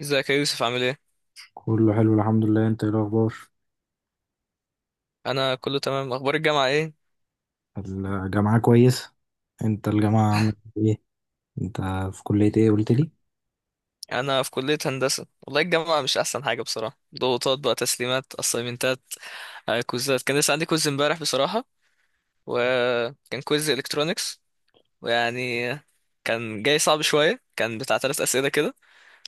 ازيك يا يوسف عامل ايه؟ كله حلو الحمد لله، انت ايه الاخبار؟ انا كله تمام، اخبار الجامعه ايه؟ الجامعة كويس. انت الجامعة عاملة ايه؟ انت في كلية ايه قلت لي؟ انا في كليه هندسه. والله الجامعه مش احسن حاجه بصراحه. ضغوطات بقى، تسليمات، اسايمنتات، كوزات. كان لسه عندي كوز امبارح بصراحه. وكان كوز الكترونكس، ويعني كان جاي صعب شويه، كان بتاع ثلاث اسئله كده.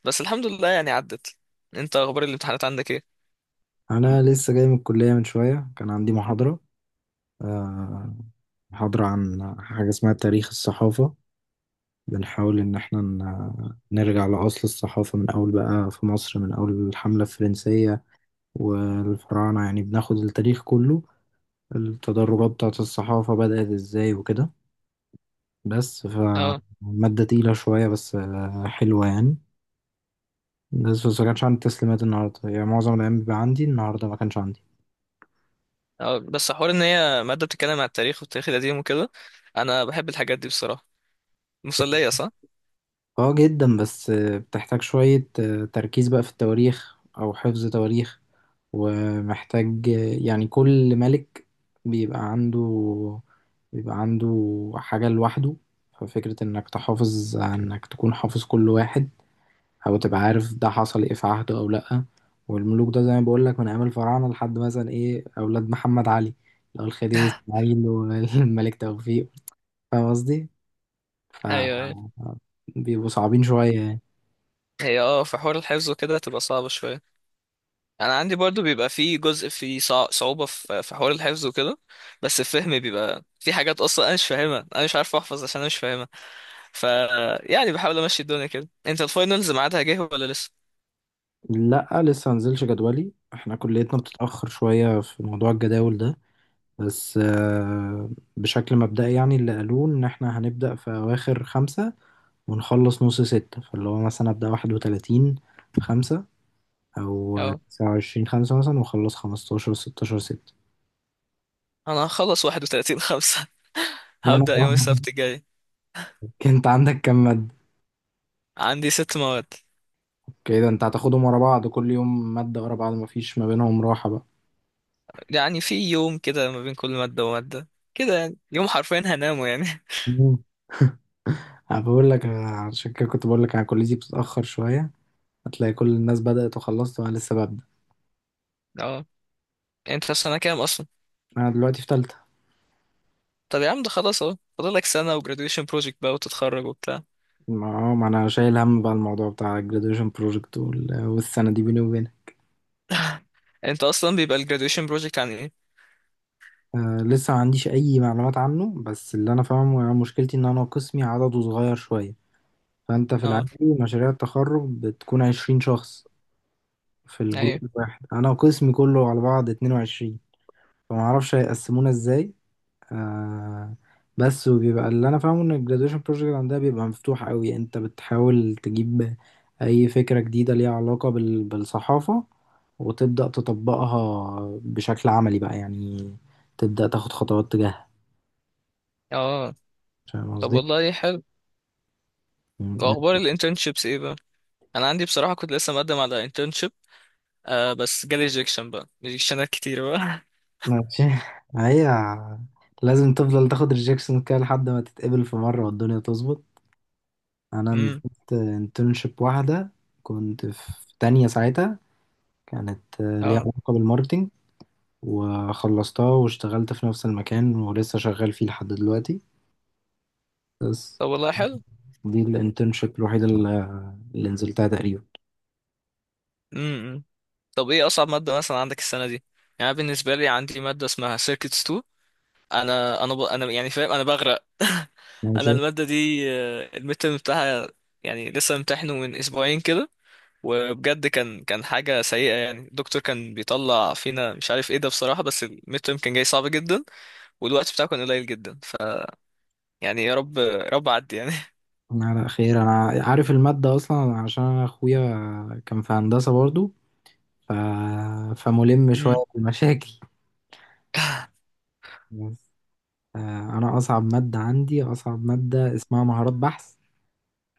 بس الحمد لله يعني عدت. انت اخبار الامتحانات عندك ايه؟ انا لسه جاي من الكلية من شوية، كان عندي محاضرة. آه، محاضرة عن حاجة اسمها تاريخ الصحافة. بنحاول ان احنا نرجع لأصل الصحافة، من اول بقى في مصر، من اول الحملة الفرنسية والفراعنة. يعني بناخد التاريخ كله، التدرجات بتاعت الصحافة بدأت ازاي وكده. بس اه، فمادة تقيلة شوية، بس حلوة يعني. بس ما كانش عندي تسليمات النهاردة، يعني معظم الأيام بيبقى عندي، النهاردة ما كانش عندي. اه، بس حوار ان هي ماده بتتكلم عن التاريخ، والتاريخ القديم وكده. انا بحب الحاجات دي بصراحه. مسليه، صح؟ اه جدا، بس بتحتاج شوية تركيز بقى في التواريخ أو حفظ تواريخ. ومحتاج يعني كل ملك بيبقى عنده بيبقى عنده حاجة لوحده. ففكرة إنك تحافظ، إنك تكون حافظ كل واحد، او تبقى عارف ده حصل ايه في عهده او لأ. والملوك ده زي ما بقول لك من ايام الفراعنة لحد مثلا ايه اولاد محمد علي، اللي هو الخديوي اسماعيل والملك توفيق. فاهم قصدي؟ ف ايوه. بيبقوا صعبين شوية يعني. هي، في حوار الحفظ وكده تبقى صعبة شوية. انا عندي برضو بيبقى في جزء، في صعوبة في حوار الحفظ وكده. بس الفهم بيبقى في حاجات اصلا انا مش فاهمها، انا مش عارف احفظ عشان انا مش فاهمها. ف يعني بحاول امشي الدنيا كده. انت الفاينلز ميعادها جه ولا لسه؟ لأ لسه منزلش جدولي، احنا كليتنا بتتأخر شوية في موضوع الجداول ده. بس بشكل مبدئي يعني اللي قالوه إن احنا هنبدأ في أواخر خمسة ونخلص نص ستة. فاللي هو مثلا أبدأ 31 في خمسة، او اه، 29 خمسة مثلا، واخلص 15 16 ستة. انا هخلص 31/5. وانا هبدأ يوم طبعاً- السبت الجاي. انت عندك كام مادة؟ عندي ست مواد. كده انت هتاخدهم ورا بعض، كل يوم مادة ورا بعض، مفيش ما بينهم راحة بقى. يعني في يوم كده ما بين كل مادة ومادة، كده يعني يوم حرفيا هنامه يعني. مم. انا بقول لك، أنا عشان كده كنت بقول لك انا كليتي بتتأخر شوية، هتلاقي كل الناس بدأت وخلصت وانا لسه ببدأ. اه. انت في سنة كام اصلا؟ انا دلوقتي في تالتة. طب يا عم، ده خلاص اهو، فاضلك سنة و graduation project بقى وتتخرج وبتاع. ما انا شايل هم بقى الموضوع بتاع ال graduation project والسنة دي بيني وبينك. انت اصلا بيبقى ال graduation project عن ايه؟ آه، لسه ما عنديش اي معلومات عنه، بس اللي انا فاهمه يعني مشكلتي ان انا قسمي عدده صغير شوية. فأنت في اه، العادي مشاريع التخرج بتكون 20 شخص في ايوه، الجروب الواحد، أنا وقسمي كله على بعض 22. فمعرفش هيقسمونا ازاي. آه بس، وبيبقى اللي أنا فاهمه إن الجرادويشن بروجكت عندها بيبقى مفتوح قوي، أنت بتحاول تجيب أي فكرة جديدة ليها علاقة بالصحافة، وتبدأ تطبقها بشكل عملي بقى يعني، تبدأ تاخد خطوات تجاهها. اه. فاهم طب قصدي؟ والله حلو. يعني واخبار ال internships ايه بقى؟ انا عندي بصراحة، كنت لسه مقدم على internship. آه، بس جالي rejection بقى، rejectionات كتير بقى. ماشي. هي لازم تفضل تاخد ريجكشن كده لحد ما تتقبل في مرة والدنيا تظبط. أنا امم. نزلت انترنشيب واحدة، كنت في تانية ساعتها، كانت ليها اه، علاقة بالماركتينج، وخلصتها واشتغلت في نفس المكان ولسه شغال فيه لحد دلوقتي. بس طب والله حلو. دي الانترنشيب الوحيدة اللي نزلتها تقريبا. امم. طب ايه اصعب مادة مثلا عندك السنة دي؟ يعني أنا بالنسبة لي عندي مادة اسمها circuits 2. انا يعني فاهم، انا بغرق. انا ماشي. الماده دي، المتر بتاعها، يعني لسه امتحنه من اسبوعين كده. وبجد كان حاجه سيئه، يعني الدكتور كان بيطلع فينا مش عارف ايه ده بصراحه، بس المتر كان جاي صعب جدا. والوقت بتاعه كان قليل جدا. يعني يا رب يا رب عدي يعني. أنا على خير، أنا عارف المادة أصلا عشان أنا أخويا كان في هندسة برضو. ف... فملم شوية مم. بالمشاكل. بس. أنا أصعب مادة اسمها مهارات بحث.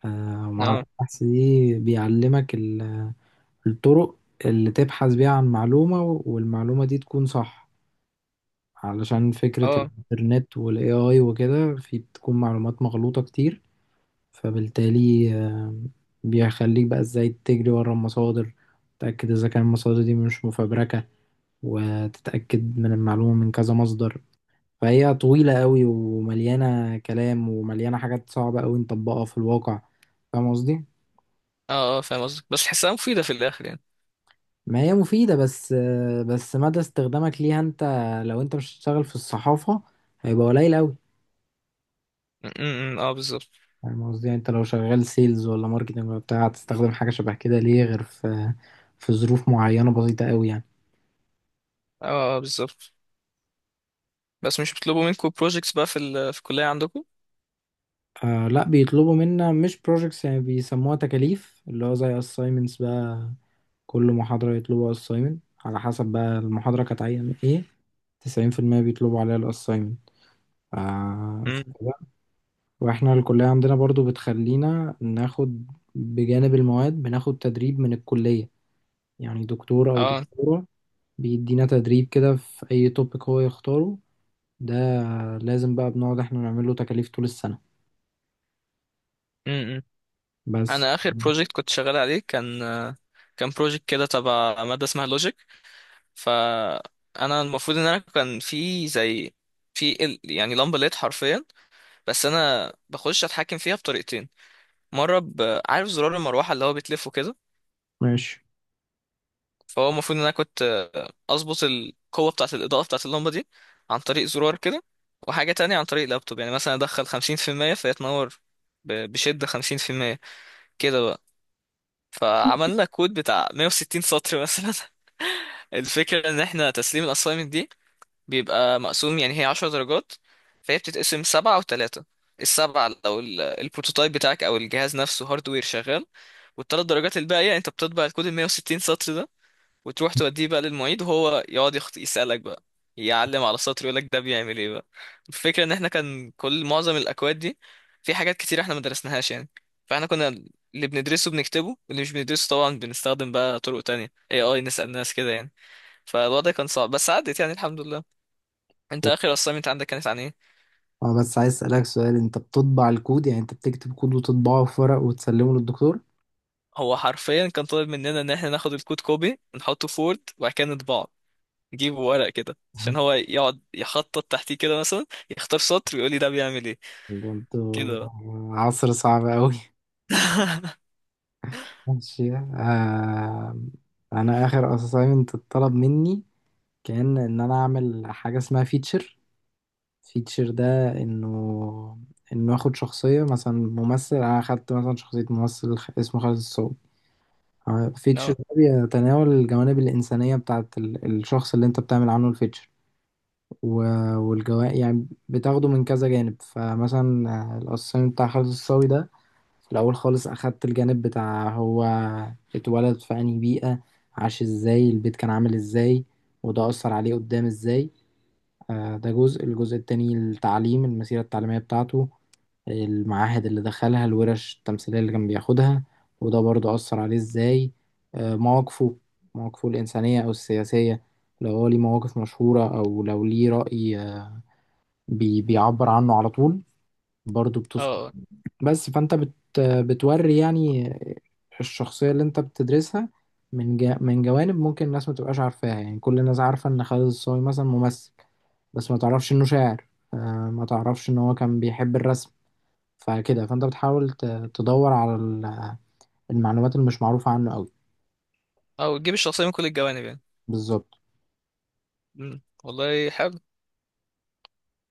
اه، مهارات بحث دي بيعلمك الطرق اللي تبحث بيها عن معلومة، والمعلومة دي تكون صح. علشان فكرة اه، الإنترنت والاي اي وكده، في بتكون معلومات مغلوطة كتير. فبالتالي بيخليك بقى ازاي تجري ورا المصادر، تتأكد إذا كان المصادر دي مش مفبركة، وتتأكد من المعلومة من كذا مصدر. فهي طويلة قوي ومليانة كلام ومليانة حاجات صعبة قوي نطبقها في الواقع. فاهم قصدي؟ اه، اه، فاهم قصدك، بس تحسها مفيده في الاخر يعني؟ ما هي مفيدة، بس بس مدى استخدامك ليها انت، لو انت مش هتشتغل في الصحافة، هيبقى قليل قوي. م- م- م، اه، بالظبط. فاهم قصدي؟ يعني انت لو شغال سيلز ولا ماركتنج ولا بتاع، هتستخدم حاجة شبه كده ليه غير في ظروف معينة بسيطة قوي يعني. اه، اه، بالظبط. بس مش بيطلبوا منكم بروجيكتس بقى في الكليه عندكم؟ آه لا، بيطلبوا منا مش projects، يعني بيسموها تكاليف، اللي هو زي assignments بقى. كل محاضرة يطلبوا assignment، على حسب بقى المحاضرة كانت عايزة ايه. 90% بيطلبوا عليها الأسايمنت. آه امم، وإحنا الكلية عندنا برضو بتخلينا ناخد بجانب المواد، بناخد تدريب من الكلية، يعني دكتور أو اه، دكتورة بيدينا تدريب كده في أي توبيك هو يختاره. ده لازم بقى بنقعد إحنا نعمل له تكاليف طول السنة. امم. بس. انا اخر بروجكت كنت شغال عليه، كان بروجكت كده تبع ماده اسمها لوجيك. فانا المفروض ان انا كان في زي يعني لمبه ليد حرفيا. بس انا بخش اتحكم فيها بطريقتين. مره عارف زرار المروحه اللي هو بيتلفه كده. ماشي. فهو المفروض ان انا كنت اظبط القوه بتاعه الاضاءه بتاعه اللمبه دي، عن طريق زرار كده. وحاجه تانية عن طريق لابتوب، يعني مثلا ادخل 50%، فهي تنور بشده 50%. كده بقى. فعملنا كود بتاع 160 سطر مثلا. الفكرة ان احنا تسليم الاسايمنت دي بيبقى مقسوم، يعني هي 10 درجات، فهي بتتقسم سبعة وتلاتة. السبعة لو البروتوتايب بتاعك او الجهاز نفسه هاردوير شغال. والتلات درجات الباقية، انت بتطبع الكود ال 160 سطر ده، وتروح توديه بقى للمعيد، وهو يقعد يسألك بقى، يعلم على السطر يقولك ده بيعمل ايه بقى. الفكرة ان احنا كان كل معظم الاكواد دي، في حاجات كتير احنا ما درسناهاش يعني. فاحنا كنا اللي بندرسه بنكتبه، واللي مش بندرسه طبعا بنستخدم بقى طرق تانية، اي نسأل ناس كده يعني. فالوضع كان صعب بس عدت يعني الحمد لله. انت اخر assignment عندك كانت عن ايه؟ اه، بس عايز اسالك سؤال، انت بتطبع الكود؟ يعني انت بتكتب كود وتطبعه في ورق وتسلمه للدكتور؟ هو حرفيا كان طالب مننا ان احنا ناخد الكود كوبي، نحطه في وورد، وبعد كده نطبعه، نجيبه ورق كده عشان هو يقعد يخطط تحتيه كده مثلا، يختار سطر ويقول لي ده بيعمل ايه. برضه كده بقى. عصر صعب أوي. ماشي. أنا آخر assignment اتطلب مني كان إن أنا أعمل حاجة اسمها فيتشر. فيتشر ده إنه آخد شخصية، مثلا ممثل. أنا أخدت مثلا شخصية ممثل اسمه خالد الصاوي. فيتشر اه، ده بيتناول الجوانب الإنسانية بتاعت الشخص اللي أنت بتعمل عنه الفيتشر. والجوانب يعني بتاخده من كذا جانب. فمثلا الأسايمنت بتاع خالد الصاوي ده، في الأول خالص أخدت الجانب بتاع هو اتولد في أنهي بيئة، عاش ازاي، البيت كان عامل ازاي، وده أثر عليه قدام ازاي. ده جزء. الجزء التاني التعليم، المسيرة التعليمية بتاعته، المعاهد اللي دخلها، الورش التمثيلية اللي كان بياخدها، وده برضه أثر عليه ازاي. مواقفه، الإنسانية أو السياسية، لو هو ليه مواقف مشهورة أو لو ليه رأي بيعبر عنه على طول، برضه بتذكر. اه، بس فانت بتوري يعني الشخصية اللي انت بتدرسها من جوانب ممكن الناس ما تبقاش عارفاها. يعني كل الناس عارفة ان خالد الصاوي مثلا ممثل، بس ما تعرفش انه شاعر. آه، ما تعرفش ان هو كان بيحب الرسم. فكده فانت بتحاول تدور على المعلومات اللي مش معروفة عنه قوي. او تجيب الشخصية من كل الجوانب يعني؟ بالظبط. مم. والله حلو.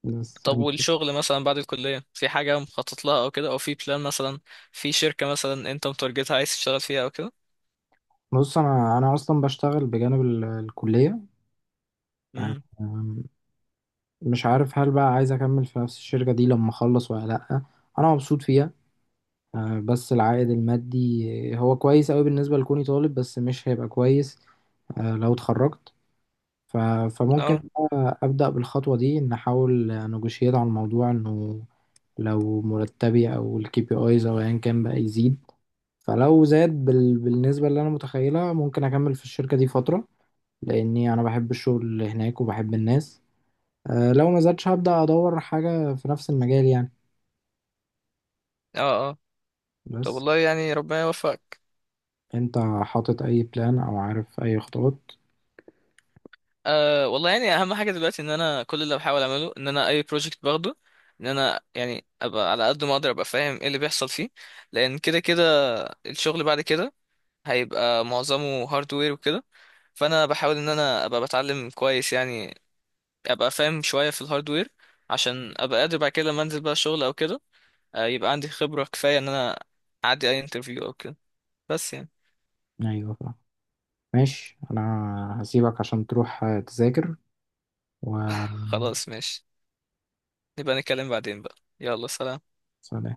بس، طب، والشغل مثلا بعد الكلية في حاجة مخطط لها او كده، او في بلان مثلا، في شركة مثلا انت متارجتها عايز تشتغل فيها او كده؟ بص، انا اصلا بشتغل بجانب الكلية. آه، امم، آم، مش عارف هل بقى عايز اكمل في نفس الشركة دي لما اخلص ولا لا. انا مبسوط فيها. بس العائد المادي هو كويس قوي بالنسبة لكوني طالب، بس مش هيبقى كويس لو اتخرجت. ف- فممكن اه، بقى أبدأ بالخطوة دي، إن أحاول نجوشيت على الموضوع إنه لو مرتبي أو الكي بي أيز أو أيا كان بقى يزيد. فلو زاد بالنسبة اللي أنا متخيلها، ممكن أكمل في الشركة دي فترة، لأني أنا بحب الشغل هناك وبحب الناس. لو ما زادش هبدأ أدور حاجة في نفس المجال يعني. اه، اه. طب بس. والله يعني ربنا يوفقك. أنت حاطط أي بلان أو عارف أي خطوات؟ آه والله يعني، اهم حاجة دلوقتي ان انا كل اللي بحاول اعمله ان انا اي بروجكت باخده، ان انا يعني ابقى على قد ما اقدر ابقى فاهم ايه اللي بيحصل فيه. لان كده كده الشغل بعد كده هيبقى معظمه هاردوير وكده. فانا بحاول ان انا ابقى بتعلم كويس يعني، ابقى فاهم شويه في الهاردوير، عشان ابقى قادر بعد كده لما انزل بقى شغل او كده، يبقى عندي خبره كفايه ان انا اعدي اي انترفيو او كده. بس يعني. ايوه ماشي، انا هسيبك عشان تروح تذاكر. و خلاص ماشي. نبقى نتكلم بعدين بقى. يلا سلام. سلام.